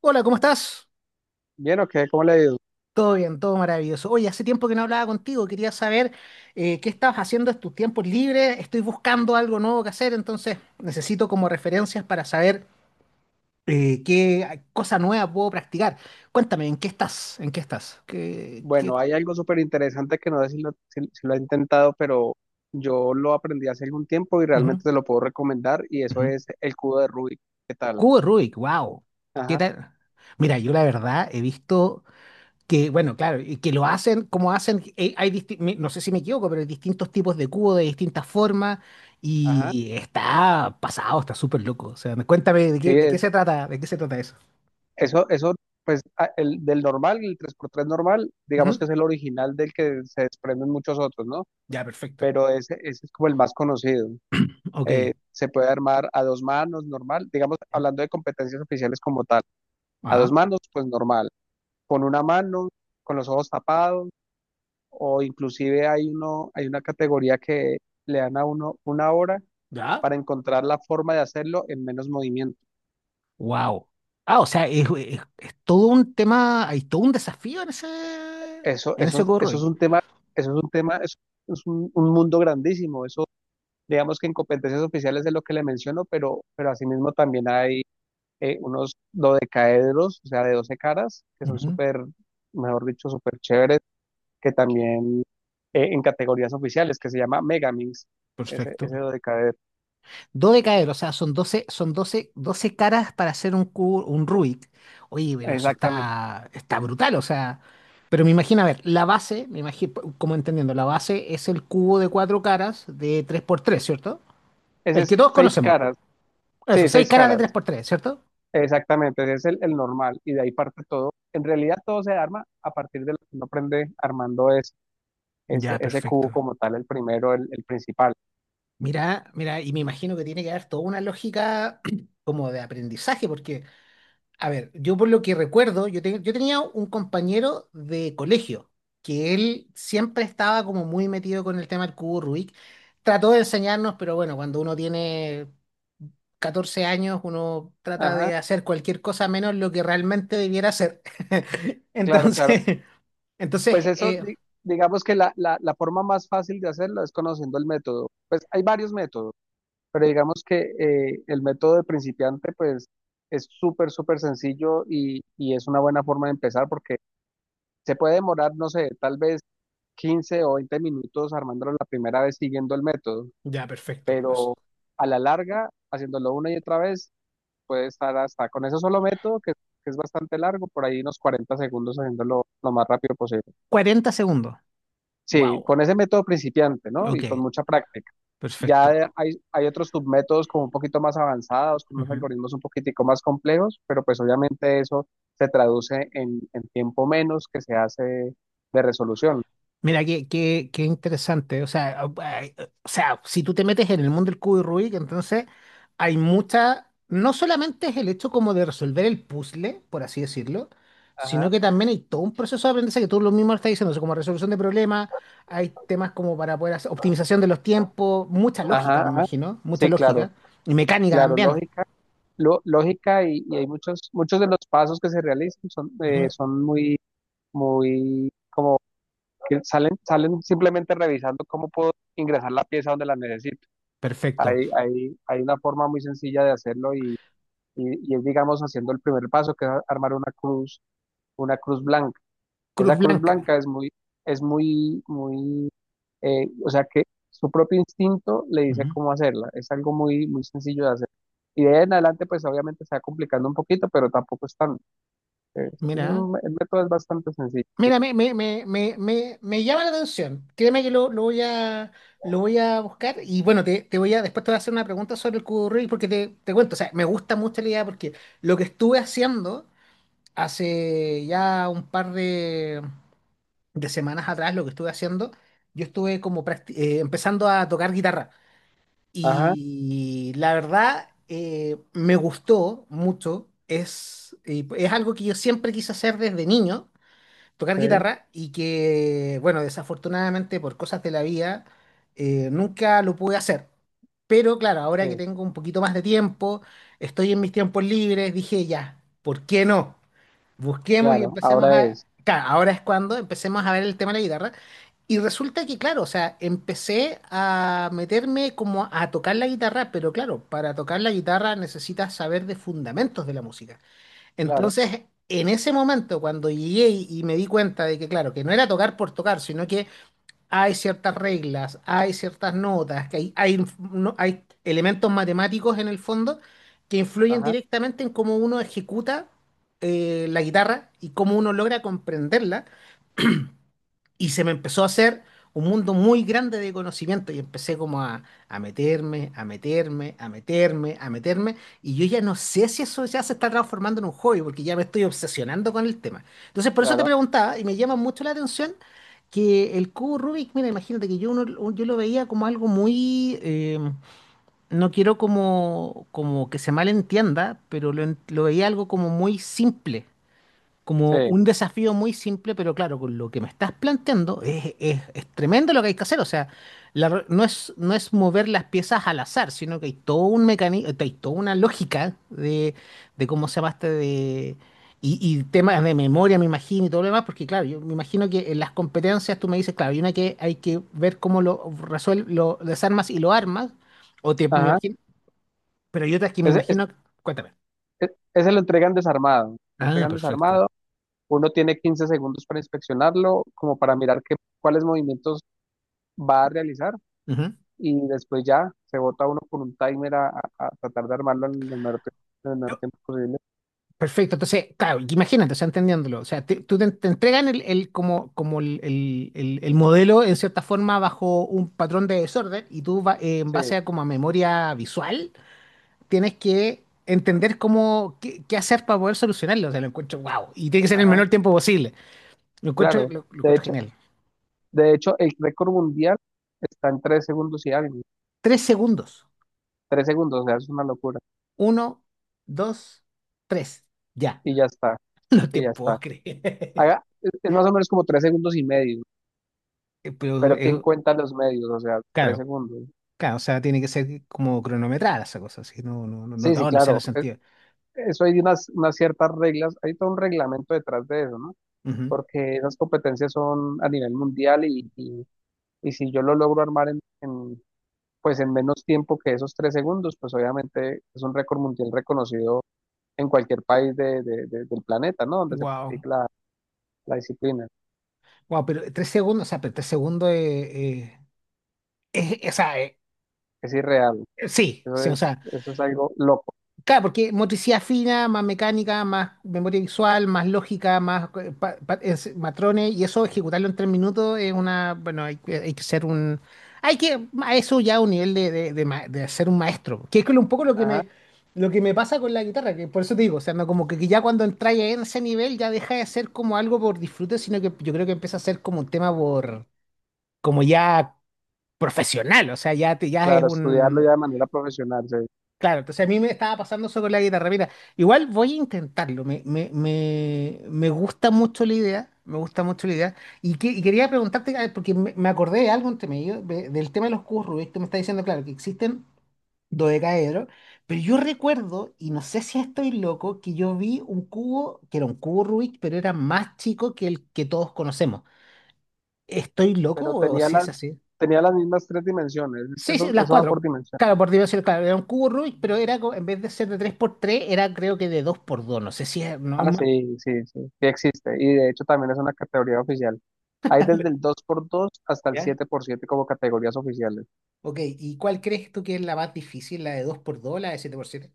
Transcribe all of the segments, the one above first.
Hola, ¿cómo estás? Bien, ok, ¿cómo le ha ido? Todo bien, todo maravilloso. Oye, hace tiempo que no hablaba contigo, quería saber qué estabas haciendo en tus tiempos libres. Estoy buscando algo nuevo que hacer, entonces necesito como referencias para saber qué cosa nueva puedo practicar. Cuéntame, ¿en qué estás? ¿En qué estás? ¿Qué, qué? Bueno, hay algo súper interesante que no sé si lo ha intentado, pero yo lo aprendí hace algún tiempo y Ujú, realmente te lo puedo recomendar y eso ujú. es el cubo de Rubik. ¿Qué tal? Cubo de Rubik, wow. ¿Qué Ajá, tal? Mira, yo la verdad he visto. Que bueno, claro, y que lo hacen como hacen, hay no sé si me equivoco, pero hay distintos tipos de cubo de distintas formas ajá. y está pasado, está súper loco. O sea, cuéntame Sí, de qué se trata, de qué se trata eso. eso, eso, pues el tres por tres normal, digamos que Ujú. es el original del que se desprenden muchos otros, ¿no? Ya, perfecto. Pero ese es como el más conocido. Ok. Se puede armar a dos manos, normal, digamos, hablando de competencias oficiales como tal. A dos Ajá. manos, pues normal, con una mano, con los ojos tapados, o inclusive hay una categoría que le dan a uno una hora Ya. para encontrar la forma de hacerlo en menos movimiento. Wow. Ah, o sea, es todo un tema, hay todo un desafío Eso, en ese eso, Go eso es Roy. un tema, eso es un tema, eso es un mundo grandísimo. Eso, digamos que en competencias oficiales es lo que le menciono, pero asimismo también hay unos dodecaedros, o sea, de 12 caras, que son Ujú. súper, mejor dicho, súper chéveres, que también en categorías oficiales, que se llama Megamix, ese, Perfecto. ese dodecaedro. Dodecaedro, o sea, son 12, 12 caras para hacer un cubo, un Rubik. Oye, pero eso Exactamente. está, está brutal, o sea. Pero me imagino, a ver, la base, me imagino, como entendiendo, la base es el cubo de cuatro caras de tres por tres, cierto. Ese El es que todos seis conocemos. caras. Eso, Sí, seis seis caras de caras. tres por tres, cierto. Exactamente. Ese es el normal. Y de ahí parte todo. En realidad todo se arma a partir de lo que uno aprende armando ese, ese, Ya, ese cubo perfecto. como tal, el primero, el principal. Mira, mira, y me imagino que tiene que haber toda una lógica como de aprendizaje, porque a ver, yo por lo que recuerdo, yo tenía un compañero de colegio que él siempre estaba como muy metido con el tema del cubo Rubik. Trató de enseñarnos, pero bueno, cuando uno tiene 14 años, uno trata Ajá, de hacer cualquier cosa menos lo que realmente debiera hacer. claro, claro. Entonces, entonces, Pues eso, eh, digamos que la forma más fácil de hacerlo es conociendo el método. Pues hay varios métodos, pero digamos que el método de principiante, pues es súper, súper sencillo y es una buena forma de empezar porque se puede demorar, no sé, tal vez 15 o 20 minutos armándolo la primera vez siguiendo el método, ya, perfecto. pero a la larga, haciéndolo una y otra vez, puede estar hasta con ese solo método, que es bastante largo, por ahí unos 40 segundos haciéndolo lo más rápido posible. 40 segundos. Sí, Wow. con ese método principiante, ¿no? Ok, Y con mucha práctica. Ya de- perfecto. hay, hay otros submétodos como un poquito más avanzados, con unos algoritmos un poquitico más complejos, pero pues obviamente eso se traduce en tiempo menos que se hace de resolución. Mira, qué interesante. O sea, ah, ah, o sea, si tú te metes en el mundo del cubo de Rubik, entonces hay mucha. No solamente es el hecho como de resolver el puzzle, por así decirlo, Ajá, sino que también hay todo un proceso de aprendizaje que tú lo mismo estás diciendo, o sea, como resolución de problemas, hay temas como para poder hacer optimización de los tiempos, mucha ajá, lógica, me ajá. imagino, mucha Sí, claro. lógica y mecánica Claro, también. lógica, lógica y hay muchos, muchos de los pasos que se realizan Ujú. Muy, que salen simplemente revisando cómo puedo ingresar la pieza donde la necesito. Perfecto. Hay una forma muy sencilla de hacerlo y es, digamos, haciendo el primer paso, que es armar una cruz blanca. Esa Cruz cruz blanca. blanca es muy, muy o sea que su propio instinto le dice Ujú. cómo hacerla, es algo muy, muy sencillo de hacer. Y de ahí en adelante, pues obviamente se va complicando un poquito, pero tampoco es tan, es Mira. un- el método es bastante sencillo. Mira, me llama la atención. Créeme que lo voy a buscar. Y bueno, te voy a, después te voy a hacer una pregunta sobre el curry, porque te cuento, o sea, me gusta mucho la idea porque lo que estuve haciendo hace ya un par de semanas atrás, lo que estuve haciendo, yo estuve como empezando a tocar guitarra. Ajá, Y la verdad, me gustó mucho. Es, y es algo que yo siempre quise hacer desde niño tocar sí, guitarra y que, bueno, desafortunadamente por cosas de la vida, nunca lo pude hacer. Pero claro, ahora que sí, tengo un poquito más de tiempo, estoy en mis tiempos libres, dije ya, ¿por qué no? Busquemos y claro, empecemos a... Claro, ahora es cuando empecemos a ver el tema de la guitarra. Y resulta que, claro, o sea, empecé a meterme como a tocar la guitarra, pero claro, para tocar la guitarra necesitas saber de fundamentos de la música. claro, Entonces, en ese momento, cuando llegué y me di cuenta de que, claro, que no era tocar por tocar, sino que hay ciertas reglas, hay ciertas notas, que hay, inf- no- hay elementos matemáticos en el fondo que influyen ajá, directamente en cómo uno ejecuta la guitarra y cómo uno logra comprenderla. Y se me empezó a hacer un mundo muy grande de conocimiento y empecé como a meterme, a meterme. Y yo ya no sé si eso ya se está transformando en un hobby porque ya me estoy obsesionando con el tema. Entonces, por eso te claro, preguntaba y me llama mucho la atención que el cubo Rubik, mira, imagínate yo lo veía como algo muy, no quiero como, como que se malentienda, pero lo veía algo como muy simple como sí, un desafío muy simple, pero claro, con lo que me estás planteando es tremendo lo que hay que hacer. O sea, no es, no es mover las piezas al azar, sino que hay todo un mecanismo, hay toda una lógica de cómo se llamaste de. Y temas de memoria, me imagino, y todo lo demás, porque claro, yo me imagino que en las competencias tú me dices, claro, hay una que hay que ver cómo lo resuelves, lo desarmas y lo armas, o te, me ajá. imagino, pero hay otras que me Ese, es- imagino, cuéntame. ese lo Ah, entregan perfecto. desarmado, uno tiene 15 segundos para inspeccionarlo, como para mirar cuáles movimientos va a realizar Ujú. y después ya se bota uno con un timer a tratar de armarlo en el menor tiempo posible. Perfecto, entonces, claro, imagínate, o sea, entendiéndolo, o sea, te entregan como, el modelo en cierta forma bajo un patrón de desorden y en Sí, base a como a memoria visual tienes que entender cómo, qué hacer para poder solucionarlo, o sea, lo encuentro wow, y tiene que ser en el ajá, menor tiempo posible, claro. Lo De encuentro hecho, genial. de hecho, el récord mundial está en 3 segundos y algo. Tres segundos, 3 segundos, o sea, es una locura. uno, dos, tres, ya, Y ya está, no te y ya está. puedo creer, Haga, es más o menos como 3 segundos y medio, pero, pero ¿quién cuenta los medios? O sea, tres claro. segundos. Claro, o sea, tiene que ser como cronometrada esa cosa, así, Sí, sí, no sea en el claro. Sentido. Eso hay unas ciertas reglas, hay todo un reglamento detrás de eso, ¿no? Porque esas competencias son a nivel mundial y si yo lo logro armar pues en menos tiempo que esos 3 segundos, pues obviamente es un récord mundial reconocido en cualquier país del planeta, ¿no? Donde se Wow. practica la disciplina. Wow, pero tres segundos, o sea, pero tres segundos es, o sea, Es irreal. sí, Eso sí, o es, sea. eso es algo loco. Claro, porque motricidad fina, más mecánica, más memoria visual, más lógica, más matrones, y eso ejecutarlo en 3 minutos es una, bueno, hay que ser un, hay que, a eso ya un nivel de, de ser un maestro, que es un poco Ajá. Lo que me pasa con la guitarra, que por eso te digo, o sea, no, como que ya cuando entras en ese nivel ya deja de ser como algo por disfrute, sino que yo creo que empieza a ser como un tema por, como ya profesional, o sea, ya, te, ya es Claro, estudiarlo ya un... de manera profesional, sí. Claro, entonces a mí me estaba pasando eso con la guitarra. Mira, igual voy a intentarlo. Me, gusta mucho la idea. Me gusta mucho la idea. Y quería preguntarte, a ver, porque me acordé de algo entre medio, del tema de los cubos Rubik. Tú me estás diciendo, claro, que existen dodecaedros, pero yo recuerdo, y no sé si estoy loco, que yo vi un cubo, que era un cubo Rubik, pero era más chico que el que todos conocemos. ¿Estoy loco Pero o tenía si es las, así? tenía las mismas tres dimensiones. Es que Sí, sí, eso, las eso va por cuatro. dimensión. Claro, por dimensiones, claro, era un cubo Rubik, pero en vez de ser de tres por tres era creo que de dos por dos. No sé si es Ah, normal. sí, sí, sí, sí existe. Y de hecho también es una categoría oficial. Hay desde el dos por dos hasta el ¿Ya? siete por siete como categorías oficiales. Ok, ¿y cuál crees tú que es la más difícil? ¿La de dos por dos o la de siete por siete?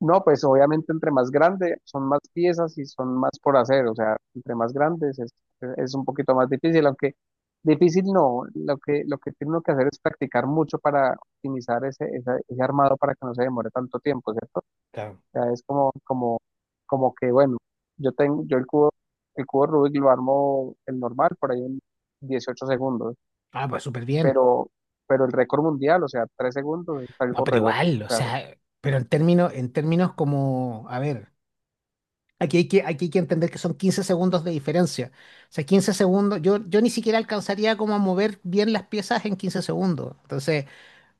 No, pues obviamente entre más grande son más piezas y son más por hacer, o sea, entre más grandes es un poquito más difícil, aunque difícil no, lo que tiene uno que hacer es practicar mucho para optimizar ese armado para que no se demore tanto tiempo, ¿cierto? Claro. O sea, es como, que, bueno, yo tengo, yo el cubo Rubik lo armo el normal por ahí en 18 segundos, Ah, pues súper bien. pero, pero el récord mundial, o sea, 3 segundos es No, algo pero reloj, igual, o o sea, sea, pero en términos como, a ver, aquí hay que entender que son 15 segundos de diferencia. O sea, 15 segundos, yo ni siquiera alcanzaría como a mover bien las piezas en 15 segundos. Entonces,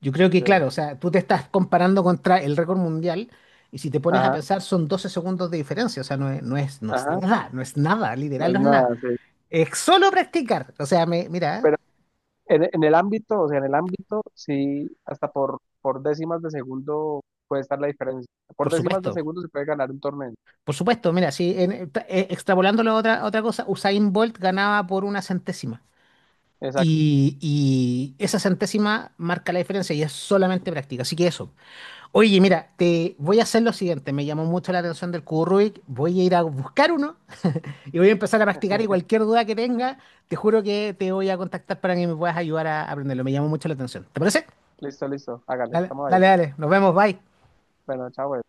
yo creo que, sí. claro, o sea, tú te estás comparando contra el récord mundial y si te pones a Ajá, pensar son 12 segundos de diferencia, o sea, no es, no es ajá, nada, no es nada, no literal no es es nada. nada, sí. Es solo practicar, o sea, me, mira, ¿eh? Pero en el ámbito, o sea, en el ámbito, sí, hasta por décimas de segundo puede estar la diferencia. Por Por décimas de supuesto, segundo se puede ganar un torneo. por supuesto, mira, si en- tra- extrapolándolo a otra cosa, Usain Bolt ganaba por una centésima Exacto. Y esa centésima marca la diferencia y es solamente práctica, así que eso. Oye, mira, te voy a hacer lo siguiente, me llamó mucho la atención del cubo Rubik, voy a ir a buscar uno. Y voy a empezar a practicar y cualquier duda que tenga, te juro que te voy a contactar para que me puedas ayudar a aprenderlo. Me llamó mucho la atención. ¿Te parece? Listo, listo. Hágale, Dale, estamos ahí. dale, dale. Nos vemos. Bye. Bueno, chao.